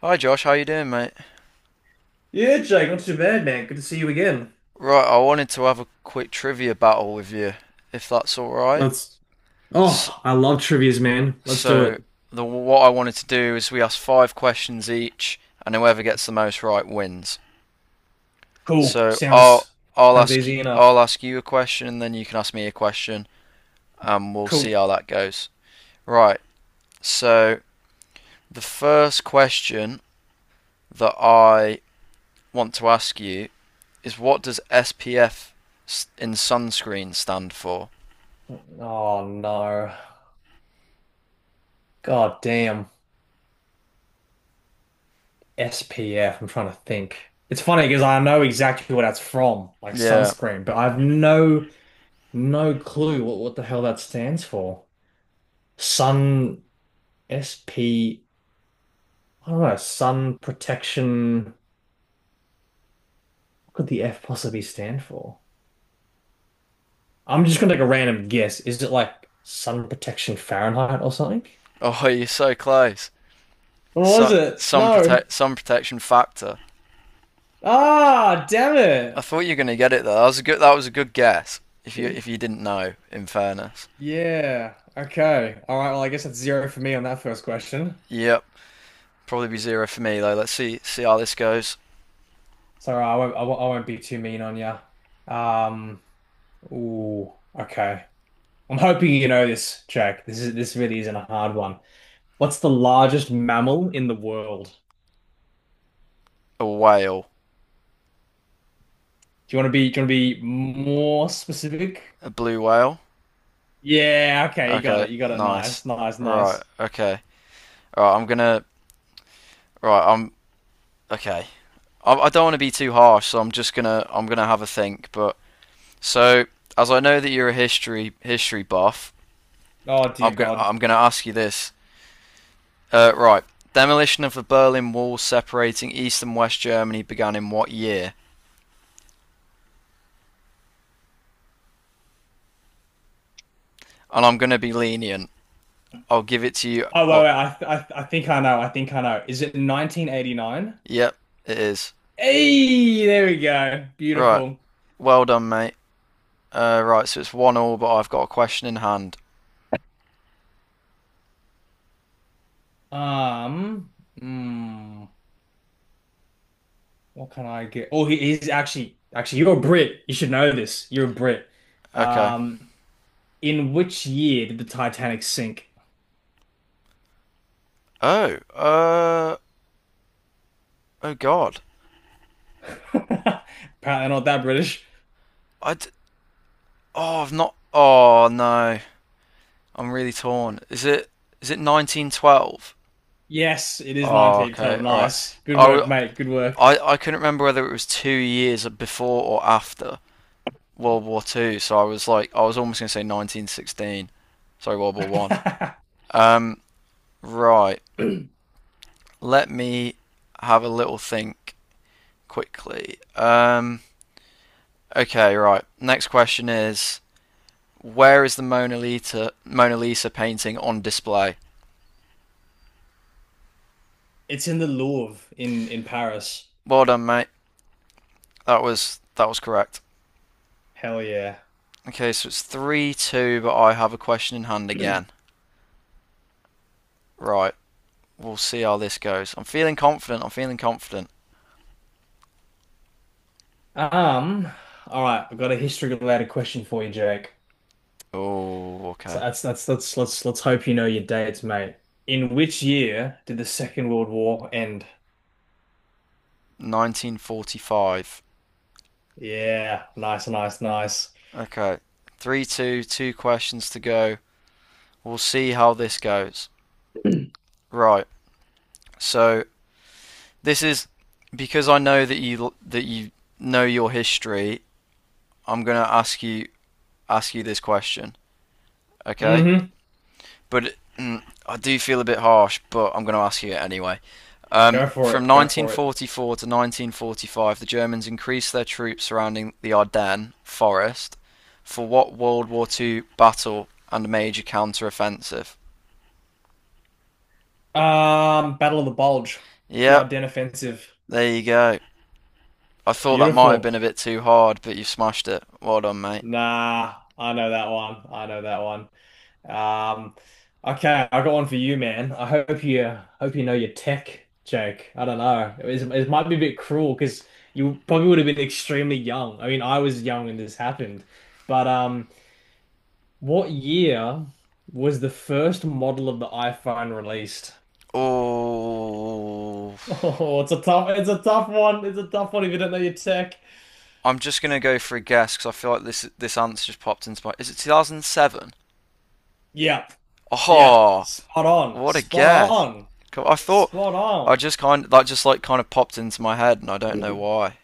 Hi Josh, how you doing, mate? Yeah, Jake, not too bad, man. Good to see you again. Right, I wanted to have a quick trivia battle with you, if that's all right. Let's. S- Oh, I love trivias, man. Let's do So, it. the what I wanted to do is we ask five questions each, and whoever gets the most right wins. Cool. So I'll Sounds I'll sounds ask you easy I'll enough. ask you a question, and then you can ask me a question, and we'll see Cool. how that goes. Right. So the first question that I want to ask you is, what does SPF in sunscreen stand for? Oh no. God damn. SPF. I'm trying to think. It's funny because I know exactly what that's from, like Yeah. sunscreen, but I've no clue what the hell that stands for. Sun SP, I don't know, sun protection. What could the F possibly stand for? I'm just gonna take a random guess. Is it like sun protection Fahrenheit or something? Oh, you're so close. What was it? No. Some protection factor. Ah, damn I it. thought you were gonna get it though. That was a good. That was a good guess. If you didn't know, in fairness. Yeah. Okay. All right. Well, I guess that's zero for me on that first question. Yep. Probably be zero for me though. Let's see how this goes. So I won't be too mean on you. Um. Ooh. Okay. I'm hoping you know this, Jack. This really isn't a hard one. What's the largest mammal in the world? A whale, Do you want to be more specific? a blue whale. Yeah, okay, you got Okay, it. You got it. nice. Nice, nice, Right. nice. Okay. All right. I'm gonna. Right. I'm okay. I don't want to be too harsh, so I'm just gonna have a think. But so as I know that you're a history buff, Oh dear I'm gonna God. I'm gonna ask you this. Right. Demolition of the Berlin Wall separating East and West Germany began in what year? And I'm going to be lenient. I'll give it to you. Oh wait, Look, wait. I th I th- I think I know. I think I know. Is it 1989? yep, it is. Hey, there we go. Right. Beautiful. Well done, mate. Right, so it's one all, but I've got a question in hand. Um, Hmm. What can I get? Oh, he's actually you're a Brit. You should know this. You're a Brit. Okay. Um, in which year did the Titanic sink? Oh, oh God. Apparently not that British. I d- oh, I've not. Oh no, I'm really torn. Is it 1912? Yes, it is Oh, okay, 1912. all Nice. Good I. work, I mate. Good work. w- I couldn't remember whether it was 2 years before or after World War Two, so I was like, I was almost going to say 1916. Sorry, World War One. Um, right. Let me have a little think quickly. Okay, right. Next question is, where is the Mona Lisa painting on display? It's in the Louvre in Paris. Well done, mate. That was correct. Hell yeah. Okay, so it's 3-2, but I have a question in hand again. Right. We'll see how this goes. I'm feeling confident. I'm feeling confident. Um, all right, I've got a history related question for you, Jake. Oh, So okay. That's let's hope you know your dates, mate. In which year did the Second World War end? 1945. Yeah, nice, nice, nice. Okay. Three, two, two questions to go. We'll see how this goes. Right. So this is because I know that you know your history. I'm gonna ask you this question. Okay. Mm-hmm. But I do feel a bit harsh, but I'm gonna ask you it anyway. From Go for it. 1944 to 1945, the Germans increased their troops surrounding the Ardennes forest for what World War II battle and major counter-offensive? Battle of the Bulge, the Yep, Ardennes Offensive. there you go. I thought that might have Beautiful. been a bit too hard, but you smashed it. Well done, mate. Nah, I know that one. I know that one. Um, okay, I got one for you, man. I hope you know your tech, Jake. I don't know. It might be a bit cruel because you probably would have been extremely young. I mean, I was young when this happened. But what year was the first model of the iPhone released? Oh, Oh, it's a tough one. It's a tough one if you don't know your tech. I'm just gonna go for a guess because I feel like this answer just popped into my. Is it 2007? Yep, yeah. Oh, Spot on, what a spot guess! on, I thought spot I on. just kind of... that just like kind of popped into my head, and I don't know Mm. why.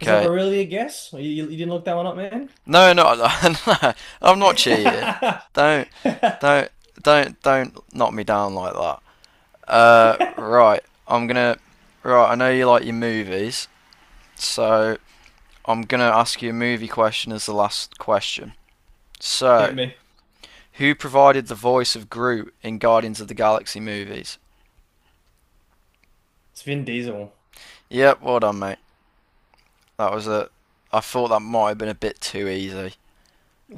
Was that really a guess? You didn't look that one up, man? no, I'm not cheating. Hit Don't, don't, don't knock me down like that. Right, I'm gonna. Right, I know you like your movies. So I'm going to ask you a movie question as the last question. So, me. who provided the voice of Groot in Guardians of the Galaxy movies? It's Vin Diesel. Yep, well done, mate. That was a. I thought that might have been a bit too easy,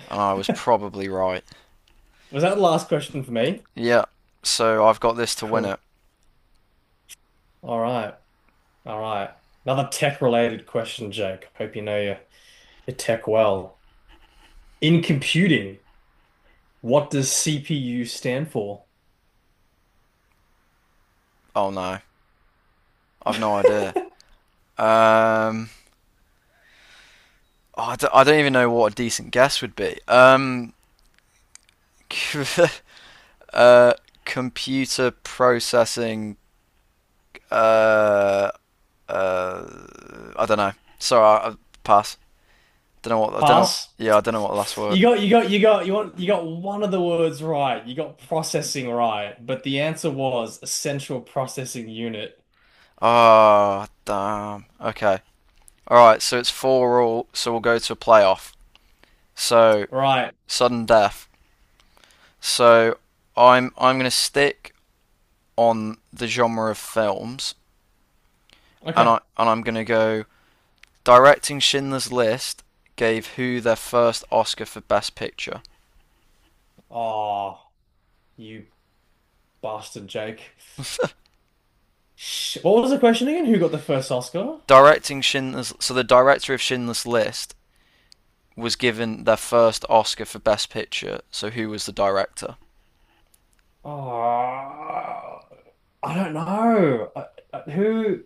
and I was probably right. Was that the last question for me? Yeah, so I've got this to win Cool. it. All right. All right. Another tech related question, Jake. Hope you know your tech well. In computing, what does CPU stand for? Oh no, I've no idea. Um, oh, I don't even know what a decent guess would be. Uh, Computer processing. Uh, Uh, I don't know. Sorry, I pass. Don't know what. I don't know. Pass. Yeah, I don't know what the last You word. got you got you got you want you got one of the words right. You got processing right, but the answer was a central processing unit. Ah, damn. Okay. All right. So it's four all. So we'll go to a playoff. So Right. sudden death. So I'm gonna stick on the genre of films, and Okay. I and I'm gonna go directing Schindler's List gave who their first Oscar for Best Picture. Oh, you bastard, Jake. Sh what was the question again? Who got the first Oscar? Directing Schindler's. So the director of Schindler's List was given their first Oscar for Best Picture. So who was the director? Ah, I don't know. Who?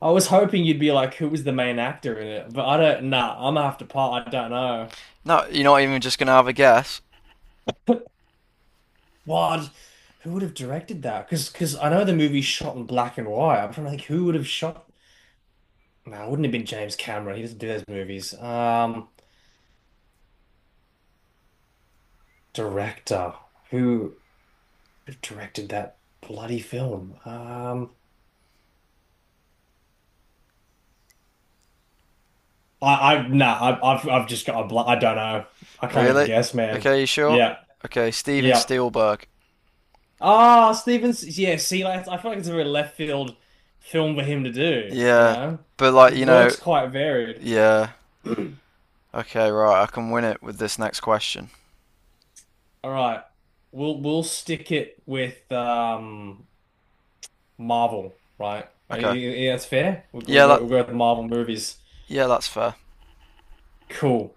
I was hoping you'd be like, who was the main actor in it? But I don't. Nah, I'm gonna have to pass. I don't know. No, you're not even just gonna have a guess, What? Who would have directed that? Because I know the movie's shot in black and white. I'm trying to think who would have shot. No, it wouldn't have been James Cameron. He doesn't do those movies. Director who would have directed that bloody film? I, I nah, I've just got a bl I don't know. I can't even really? guess, man. Okay, you sure? Yeah, Okay, Steven yeah. Spielberg. Ah, Stevens. Yeah, see, like, I feel like it's a very left field film for him to do. You Yeah, know, but like his you know, work's quite varied. yeah. All Okay, right. I can win it with this next question. right, we'll stick it with Marvel, right? Okay. Yeah, yeah, that's fair. We'll Yeah, go that we'll go with the Marvel movies. yeah, that's fair. Cool.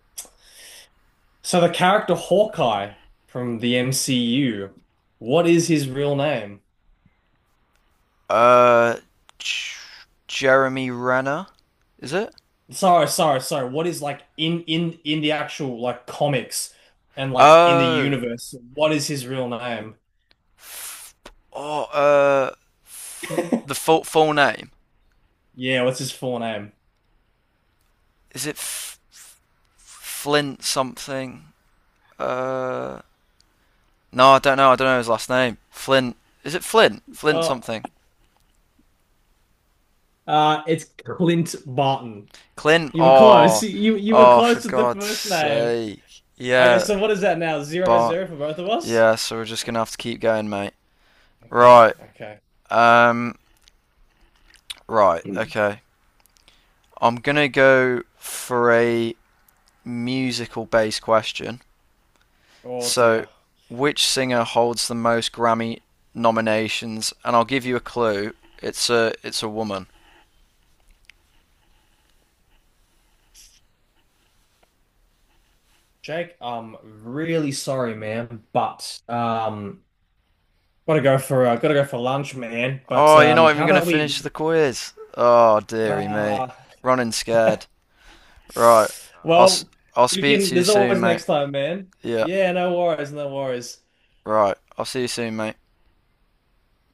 So the character Hawkeye from the MCU, what is his real name? Uh, J- Jeremy Renner, is it? Sorry, sorry, sorry. What is like in the actual like comics and like in the Oh, universe? What is his real name? oh, the full name, Yeah, what's his full name? is it Flint something? Uh, No, I don't know. I don't know his last name. Flint. Is it Flint? Flint Oh, something. It's Clint Barton. Clint. You were close. Oh, You were oh, for close to the God's first name. sake. Okay, Yeah, so what is that now? Zero but zero for both of us? yeah. So we're just gonna have to keep going, mate. Okay, Right. okay. Um. Right. Mm. Okay. I'm gonna go for a musical-based question. Oh So, dear. which singer holds the most Grammy nominations? And I'll give you a clue. It's a woman. Jake, I'm really sorry, man, but gotta go for lunch, man. But Oh, you're not even how going to about finish we the quiz. Oh, dearie me. uh Running scared. Right. I'll, well, i I'll we speak can. to you There's soon, always mate. next time, man. Yeah. Yeah, no worries, no worries. Right. I'll see you soon, mate.